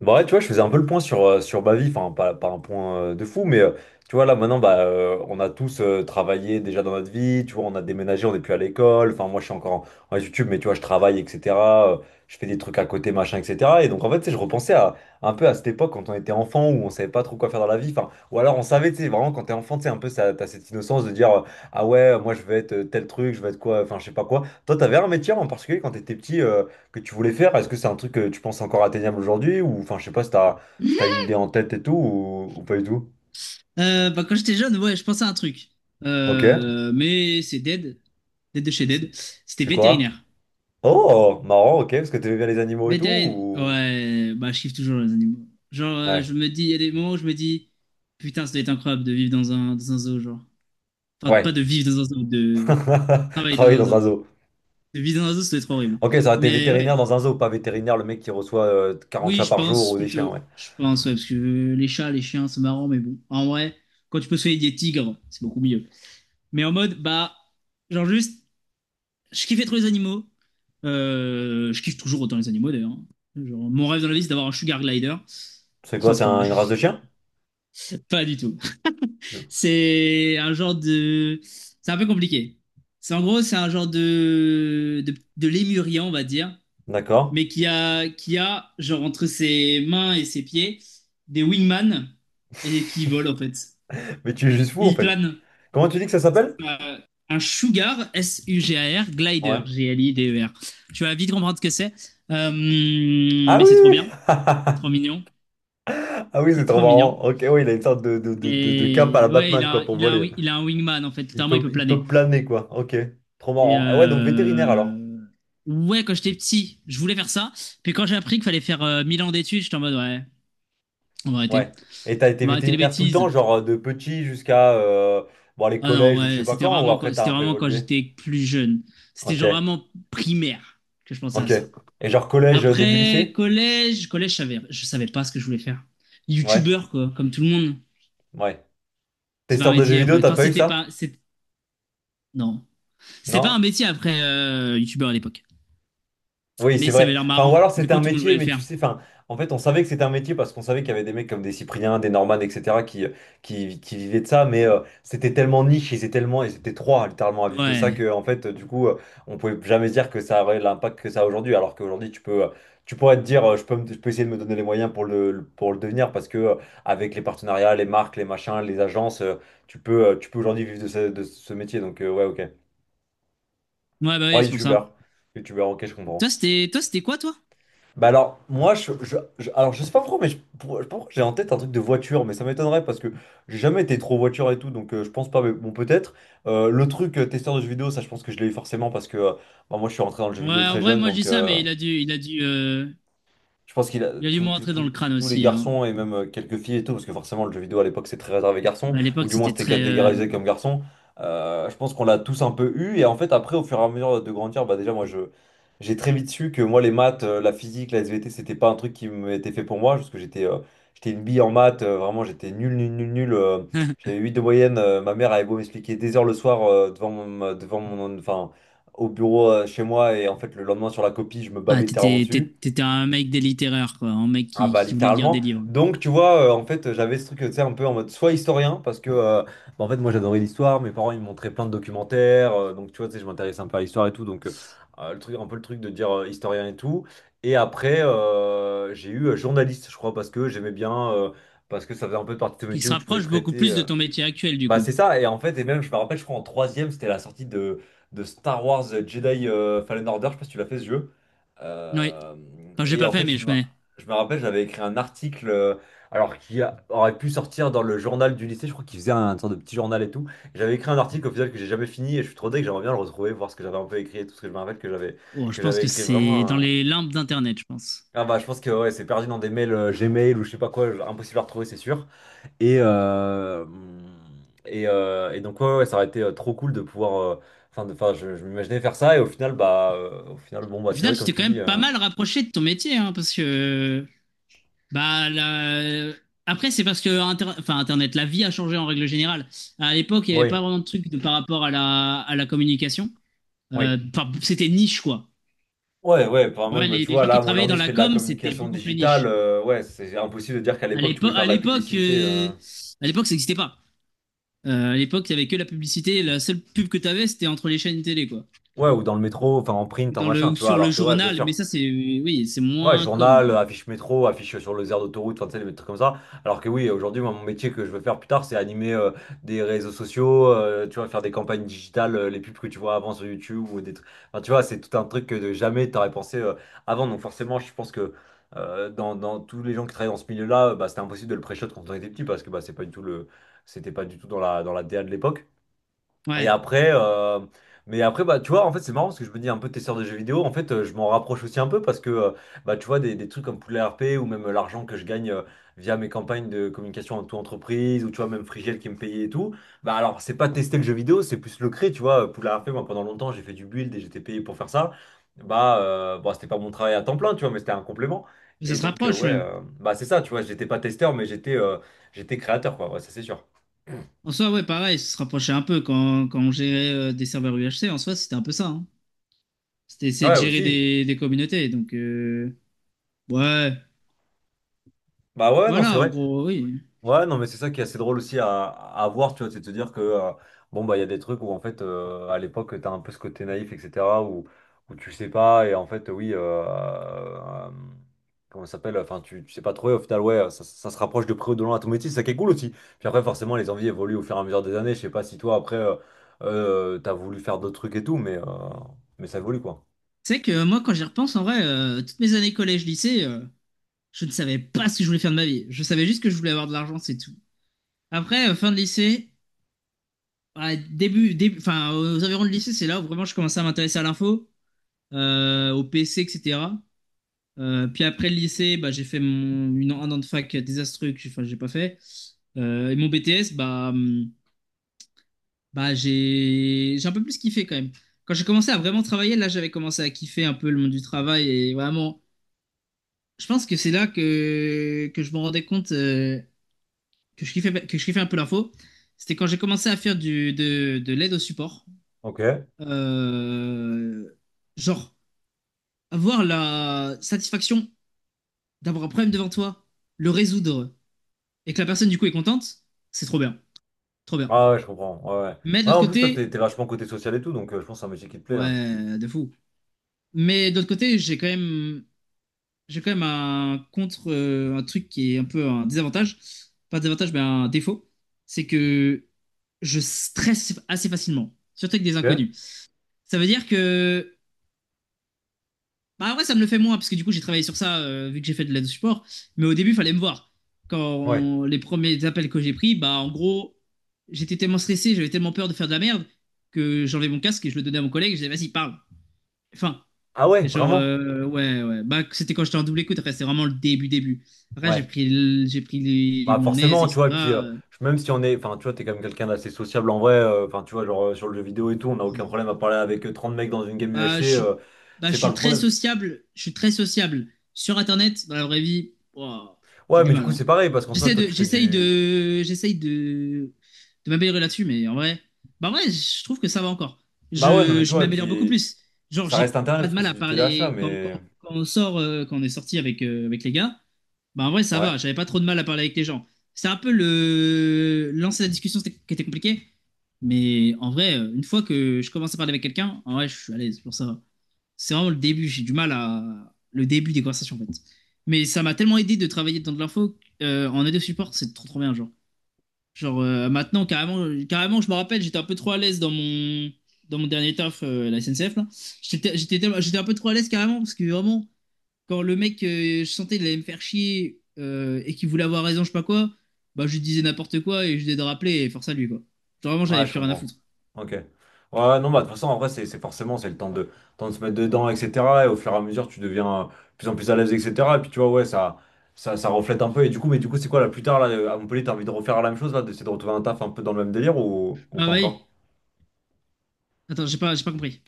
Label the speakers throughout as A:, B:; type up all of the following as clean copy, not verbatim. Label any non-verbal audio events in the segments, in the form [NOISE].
A: Bah ouais, tu vois, je faisais un peu le point sur, sur ma vie, enfin pas un point de fou, mais tu vois, là maintenant, bah, on a tous travaillé déjà dans notre vie, tu vois, on a déménagé, on n'est plus à l'école, enfin moi je suis encore en YouTube, mais tu vois, je travaille, etc. euh, je fais des trucs à côté, machin, etc. Et donc en fait, tu sais, je repensais un peu à cette époque quand on était enfant, où on savait pas trop quoi faire dans la vie, enfin, ou alors on savait, tu sais, vraiment quand t'es enfant, tu sais, un peu, t'as cette innocence de dire, ah ouais, moi je vais être tel truc, je vais être quoi, enfin je sais pas quoi. Toi, t'avais un métier en particulier quand t'étais petit, que tu voulais faire? Est-ce que c'est un truc que tu penses encore atteignable aujourd'hui? Ou enfin, je sais pas si t'as une idée en tête et tout, ou pas du tout.
B: Quand j'étais jeune, ouais, je pensais à un truc.
A: Ok.
B: Mais c'est Dead. Dead de chez
A: C'est
B: Dead. C'était
A: c'est quoi?
B: vétérinaire.
A: Oh, marrant, ok, parce que t'aimais bien les animaux et tout,
B: Vétérinaire.
A: ou...
B: Ouais, bah, je kiffe toujours les animaux. Genre,
A: Ouais.
B: je me dis, il y a des moments où je me dis, putain, ça doit être incroyable de vivre dans un zoo, genre. Enfin, pas
A: Ouais.
B: de vivre dans un zoo, de
A: [LAUGHS]
B: travailler dans
A: Travailler
B: un
A: dans
B: zoo.
A: un zoo.
B: De vivre dans un zoo, ça doit être horrible.
A: Ok, ça aurait été
B: Mais ouais,
A: vétérinaire dans un zoo, pas vétérinaire, le mec qui reçoit 40
B: oui,
A: chats
B: je
A: par jour
B: pense
A: ou des chiens,
B: plutôt.
A: ouais.
B: Je pense, ouais, parce que les chats, les chiens, c'est marrant, mais bon. En vrai, quand tu peux soigner des tigres, c'est beaucoup mieux. Mais en mode, bah, genre juste. Je kiffais trop les animaux. Je kiffe toujours autant les animaux d'ailleurs. Genre, mon rêve dans la vie, c'est d'avoir un sugar glider.
A: C'est quoi,
B: Non, c'est
A: c'est
B: pas vrai.
A: une race de chien?
B: [LAUGHS] Pas du tout.
A: Je-
B: C'est un genre de. C'est un peu compliqué. C'est en gros, c'est un genre de lémurien, on va dire,
A: D'accord.
B: mais qui a genre entre ses mains et ses pieds des wingman et qui vole en fait.
A: [LAUGHS] Mais tu es juste fou,
B: Et
A: en
B: il
A: fait.
B: plane.
A: Comment tu dis que ça s'appelle?
B: euh, un Sugar, S-U-G-A-R, Glider,
A: Ouais.
B: G-L-I-D-E-R. G L I D E R. Tu vas vite comprendre ce que c'est. Euh,
A: Ah
B: mais c'est trop
A: oui!
B: bien.
A: [LAUGHS]
B: C'est trop mignon.
A: Ah oui,
B: C'est
A: c'est trop
B: trop mignon.
A: marrant. Ok, oui, il a une sorte de cape à la
B: Mais ouais,
A: Batman, quoi, pour
B: il, a un,
A: voler.
B: il a un wingman en fait.
A: Il
B: Littéralement, il
A: peut,
B: peut
A: il peut
B: planer.
A: planer, quoi. Ok, trop
B: Et
A: marrant. Ah ouais, donc vétérinaire alors.
B: euh, ouais, quand j'étais petit, je voulais faire ça. Puis quand j'ai appris qu'il fallait faire 1000 ans d'études, j'étais en mode ouais, on va arrêter.
A: Ouais. Et t'as été
B: On va arrêter les
A: vétérinaire tout le temps,
B: bêtises.
A: genre de petit jusqu'à bon, les
B: Ah non,
A: collèges ou je sais
B: ouais,
A: pas
B: c'était
A: quand, ou
B: vraiment,
A: après t'as
B: c'était
A: un peu
B: vraiment quand
A: évolué.
B: j'étais plus jeune. C'était
A: Ok,
B: genre vraiment primaire que je pensais à
A: ok.
B: ça.
A: Et genre collège, début
B: Après,
A: lycée?
B: collège, je savais pas ce que je voulais faire.
A: Ouais,
B: Youtubeur, quoi, comme tout le monde.
A: ouais.
B: C'est pas un
A: Testeur de jeux
B: métier
A: vidéo,
B: après.
A: t'as
B: Enfin,
A: pas eu
B: c'était pas.
A: ça?
B: C'est- Non. C'était pas un
A: Non?
B: métier après youtubeur à l'époque.
A: Oui,
B: Mais
A: c'est
B: ça
A: vrai.
B: avait l'air
A: Enfin, ou
B: marrant.
A: alors
B: Du
A: c'était
B: coup,
A: un
B: tout le monde voulait
A: métier,
B: le
A: mais tu
B: faire.
A: sais, enfin, en fait, on savait que c'était un métier parce qu'on savait qu'il y avait des mecs comme des Cypriens, des Norman, etc., qui, qui vivaient de ça, mais c'était tellement niche, ils étaient trois littéralement à vivre de ça
B: Ouais.
A: que, en fait, du coup, on pouvait jamais se dire que ça aurait l'impact que ça a aujourd'hui, alors qu'aujourd'hui, tu pourrais te dire, je peux essayer de me donner les moyens pour pour le devenir parce que, avec les partenariats, les marques, les machins, les agences, tu peux aujourd'hui vivre de ce métier, donc, ouais, ok.
B: Ouais, bah
A: Ouais,
B: oui, c'est pour ça.
A: youtubeur, youtubeur, ok, je
B: Toi,
A: comprends.
B: c'était toi, c'était quoi, toi?
A: Bah alors, moi, alors, je sais pas pourquoi, je sais pas pourquoi j'ai en tête un truc de voiture, mais ça m'étonnerait parce que j'ai jamais été trop voiture et tout, donc je pense pas, mais bon, peut-être. Le truc testeur de jeux vidéo, ça, je pense que je l'ai eu forcément parce que bah, moi, je suis rentré dans le jeu
B: Ouais,
A: vidéo
B: en
A: très
B: vrai,
A: jeune,
B: moi, je dis
A: donc.
B: ça, mais
A: Je pense qu'il a
B: il a dû me rentrer dans le crâne
A: tous les
B: aussi, hein.
A: garçons et même quelques filles et tout, parce que forcément le jeu vidéo à l'époque c'est très réservé garçons,
B: Bah, à
A: ou
B: l'époque,
A: du moins
B: c'était
A: c'était
B: très.
A: catégorisé comme garçon. Je pense qu'on l'a tous un peu eu, et en fait après au fur et à mesure de grandir, bah déjà moi je j'ai très vite su que moi les maths, la physique, la SVT c'était pas un truc qui m'était fait pour moi, parce que j'étais une bille en maths, vraiment j'étais nul, nul, nul, nul. J'avais
B: [LAUGHS]
A: 8 de moyenne, ma mère avait beau m'expliquer des heures le soir enfin, au bureau chez moi, et en fait le lendemain sur la copie je me
B: Ah,
A: bavais littéralement
B: t'étais
A: dessus.
B: t'étais un mec des littéraires, quoi. Un mec
A: Ah bah
B: qui voulait lire des
A: littéralement.
B: livres.
A: Donc tu vois, en fait, j'avais ce truc, tu sais, un peu en mode soit historien, parce que bah, en fait moi j'adorais l'histoire, mes parents ils me montraient plein de documentaires, donc tu vois, tu sais, je m'intéressais un peu à l'histoire et tout, donc le truc, un peu le truc de dire historien et tout. Et après j'ai eu journaliste, je crois, parce que j'aimais bien, parce que ça faisait un peu partie de ce
B: Qui
A: métier
B: se
A: où tu pouvais
B: rapproche beaucoup
A: traiter.
B: plus de ton métier actuel, du
A: Bah
B: coup.
A: c'est ça, et en fait, et même je me rappelle, je crois en troisième, c'était la sortie de Star Wars Jedi Fallen Order, je sais pas si tu l'as fait ce jeu.
B: Oui.
A: Euh,
B: Enfin, j'ai
A: et
B: pas
A: en
B: fait,
A: fait,
B: mais
A: je
B: je
A: me,
B: connais.
A: je me rappelle, j'avais écrit un article, alors aurait pu sortir dans le journal du lycée, je crois qu'il faisait sorte de petit journal et tout. J'avais écrit un article au final que j'ai jamais fini, et je suis trop deg, j'aimerais bien le retrouver, voir ce que j'avais un peu écrit et tout, ce que je me rappelle que j'avais
B: Oh, je
A: que
B: pense
A: j'avais
B: que
A: écrit
B: c'est
A: vraiment
B: dans les limbes d'Internet, je pense.
A: Ah bah je pense que ouais, c'est perdu dans des mails Gmail ou je sais pas quoi, impossible à retrouver, c'est sûr. Et, euh, et donc, ouais, ouais, ça aurait été trop cool de pouvoir. Enfin, enfin, je m'imaginais faire ça, et au final, bah, au final, bon, bah,
B: Au
A: c'est
B: final,
A: vrai,
B: tu
A: comme
B: t'es
A: tu
B: quand
A: dis.
B: même pas mal rapproché de ton métier, hein, parce que bah la- après, c'est parce que enfin, Internet, la vie a changé en règle générale. À l'époque, il n'y avait pas
A: Oui,
B: vraiment de truc de, par rapport à la communication.
A: oui.
B: C'était niche, quoi.
A: Ouais, ouais, enfin,
B: En vrai,
A: même,
B: les,
A: tu
B: les
A: vois,
B: gens
A: là,
B: qui
A: moi,
B: travaillaient dans
A: aujourd'hui, je
B: la
A: fais de la
B: com, c'était
A: communication
B: beaucoup plus
A: digitale.
B: niche.
A: Ouais, c'est impossible de dire qu'à
B: À
A: l'époque, tu pouvais
B: l'époque,
A: faire
B: à
A: de la
B: l'époque,
A: publicité.
B: euh, à l'époque, ça n'existait pas. À l'époque, il n'y avait que la publicité. La seule pub que tu avais, c'était entre les chaînes télé, quoi.
A: Ouais, ou dans le métro, enfin, en
B: Ou
A: print, en
B: dans le,
A: machin,
B: ou
A: tu vois,
B: sur le
A: alors que, ouais, bien
B: journal, mais
A: sûr.
B: ça, c'est oui, c'est
A: Ouais,
B: moins comme,
A: journal,
B: quoi.
A: affiche métro, affiche sur les aires d'autoroute, enfin, tu sais, des trucs comme ça. Alors que oui, aujourd'hui, moi, mon métier que je veux faire plus tard, c'est animer des réseaux sociaux, tu vois, faire des campagnes digitales, les pubs que tu vois avant sur YouTube ou des trucs. Enfin, tu vois, c'est tout un truc que de jamais t'aurais pensé avant. Donc forcément, je pense que dans tous les gens qui travaillent dans ce milieu-là, bah, c'était impossible de le pré-shot quand on était petit parce que bah, c'est pas du tout le... c'était pas du tout dans la DA de l'époque. Et
B: Ouais,
A: après, euh, mais après, bah, tu vois, en fait, c'est marrant parce que je me dis un peu testeur de jeux vidéo. En fait, je m'en rapproche aussi un peu parce que, bah, tu vois, des trucs comme Poulet RP ou même l'argent que je gagne via mes campagnes de communication en toute entreprise ou tu vois, même Frigel qui me payait et tout. Bah, alors, c'est pas tester le jeu vidéo, c'est plus le créer, tu vois. Poulet RP, moi, pendant longtemps, j'ai fait du build et j'étais payé pour faire ça. Bah, bon, c'était pas mon travail à temps plein, tu vois, mais c'était un complément.
B: mais ça
A: Et
B: se
A: donc,
B: rapproche,
A: ouais,
B: ouais.
A: bah, c'est ça, tu vois, j'étais pas testeur, mais j'étais créateur, quoi, ouais, ça c'est sûr.
B: En soi, ouais, pareil, ça se rapprochait un peu quand, quand on gérait des serveurs UHC, en soi, c'était un peu ça, hein. C'était essayer de
A: Ouais,
B: gérer
A: aussi.
B: des communautés, donc ouais,
A: Bah, ouais, non, c'est
B: voilà, en
A: vrai.
B: gros, oui.
A: Ouais, non, mais c'est ça qui est assez drôle aussi à voir, tu vois, c'est de te dire que, bon, bah, il y a des trucs où, en fait, à l'époque, t'as un peu ce côté naïf, etc., où, où tu sais pas, et en fait, oui, comment ça s'appelle, enfin, tu sais pas trop, et au final, ouais, ça se rapproche de près ou de loin à ton métier, c'est ça qui est cool aussi. Puis après, forcément, les envies évoluent au fur et à mesure des années, je sais pas si toi, après, t'as voulu faire d'autres trucs et tout, mais ça évolue, quoi.
B: C'est vrai que moi, quand j'y repense, en vrai, toutes mes années collège-lycée, je ne savais pas ce que je voulais faire de ma vie. Je savais juste que je voulais avoir de l'argent, c'est tout. Après, fin de lycée, ouais, début, enfin, aux environs de lycée, c'est là où vraiment je commençais à m'intéresser à l'info. Au PC, etc. Puis après le lycée, bah, j'ai fait un an de fac désastreux que j'ai enfin, j'ai pas fait. Et mon BTS, bah, bah, j'ai un peu plus kiffé quand même. Quand j'ai commencé à vraiment travailler, là j'avais commencé à kiffer un peu le monde du travail et vraiment, je pense que c'est là que je me rendais compte que je kiffais un peu l'info. C'était quand j'ai commencé à faire de l'aide au support.
A: Ok.
B: Euh, genre, avoir la satisfaction d'avoir un problème devant toi, le résoudre, et que la personne du coup est contente, c'est trop bien. Trop bien.
A: Ah ouais, je comprends, ouais, ouais.
B: Mais de
A: Ouais,
B: l'autre
A: en plus, toi, t'es
B: côté,
A: t'es vachement côté social et tout, donc je pense que c'est un métier qui te plaît, hein.
B: ouais, de fou. Mais de l'autre côté, j'ai quand même un contre, un truc qui est un peu un désavantage. Pas un désavantage, mais un défaut. C'est que je stresse assez facilement, surtout avec des
A: Ok.
B: inconnus. Ça veut dire que bah ouais, ça me le fait moins, parce que du coup, j'ai travaillé sur ça, vu que j'ai fait de l'aide au support. Mais au début, il fallait me voir.
A: Ouais.
B: Les premiers appels que j'ai pris, bah en gros, j'étais tellement stressé, j'avais tellement peur de faire de la merde, que j'enlevais mon casque et je le donnais à mon collègue, et je disais, vas-y, parle. Enfin,
A: Ah ouais, vraiment?
B: ouais, ouais. Bah, c'était quand j'étais en double écoute, après, c'était vraiment le début. Après,
A: Ouais.
B: j'ai pris
A: Bah
B: mon aise,
A: forcément, tu vois, et puis
B: etc. euh,
A: même si on est, enfin tu vois, t'es quand même quelqu'un d'assez sociable en vrai, enfin tu vois, genre sur le jeu vidéo et tout, on n'a aucun problème à parler avec 30 mecs dans une game
B: Je
A: UHC,
B: suis, bah,
A: c'est
B: je
A: pas
B: suis
A: le
B: très
A: problème.
B: sociable. Je suis très sociable. Sur Internet, dans la vraie vie, ouah, j'ai
A: Ouais,
B: du
A: mais du
B: mal,
A: coup c'est
B: hein.
A: pareil, parce qu'en soi,
B: J'essaie
A: toi
B: de,
A: tu fais
B: j'essaye
A: du...
B: de, j'essaye De m'améliorer là-dessus, mais en vrai, bah ouais, je trouve que ça va encore.
A: Bah ouais, non mais tu
B: Je
A: vois, et
B: m'améliore beaucoup
A: puis
B: plus. Genre,
A: ça reste
B: j'ai
A: internet
B: pas
A: parce
B: de
A: que
B: mal
A: c'est
B: à
A: du téléachat,
B: parler
A: mais...
B: quand on sort, quand on est sorti avec, avec les gars. Bah, en vrai, ça
A: Ouais.
B: va, j'avais pas trop de mal à parler avec les gens. C'est un peu le lancer la discussion c'était- qui était compliqué, mais en vrai, une fois que je commence à parler avec quelqu'un, en vrai, je suis à l'aise pour ça. C'est vraiment le début, j'ai du mal à le début des conversations en fait. Mais ça m'a tellement aidé de travailler dans de l'info en aide au support, c'est trop trop bien genre. Genre maintenant carrément, je me rappelle, j'étais un peu trop à l'aise dans mon dernier taf à la SNCF là. J'étais un peu trop à l'aise carrément parce que vraiment quand le mec, je sentais qu'il allait me faire chier et qu'il voulait avoir raison, je sais pas quoi, bah je lui disais n'importe quoi et je lui disais de rappeler et force à lui, quoi. Genre, vraiment,
A: Ouais,
B: j'avais
A: je
B: plus rien à
A: comprends.
B: foutre.
A: Ok. Ouais, non, bah, de toute façon, en vrai, c'est forcément, c'est le temps de se mettre dedans, etc. Et au fur et à mesure, tu deviens de plus en plus à l'aise, etc. Et puis, tu vois, ouais, ça reflète un peu. Mais du coup, c'est quoi, là, plus tard, là, à Montpellier, t'as envie de refaire la même chose, là, d'essayer de retrouver un taf un peu dans le même délire ou
B: Ah
A: pas encore?
B: oui. Attends, j'ai pas compris.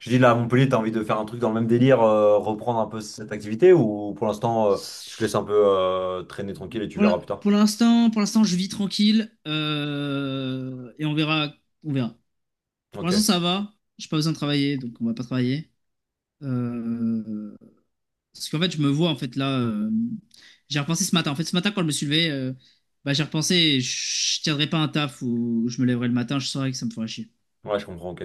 A: Je dis, là, à Montpellier, t'as envie de faire un truc dans le même délire, reprendre un peu cette activité ou pour l'instant, tu te laisses un peu traîner tranquille et
B: Ouais.
A: tu verras plus tard?
B: Pour l'instant, je vis tranquille et on verra, on verra. Pour l'instant,
A: Ok.
B: ça va. J'ai pas besoin de travailler, donc on va pas travailler. Euh, Parce qu'en fait, je me vois, en fait, là, j'ai repensé ce matin. En fait, ce matin, quand je me suis levé, j'ai repensé, je tiendrais pas un taf où je me lèverais le matin, je saurais que ça me ferait chier.
A: Ouais, je comprends, ok.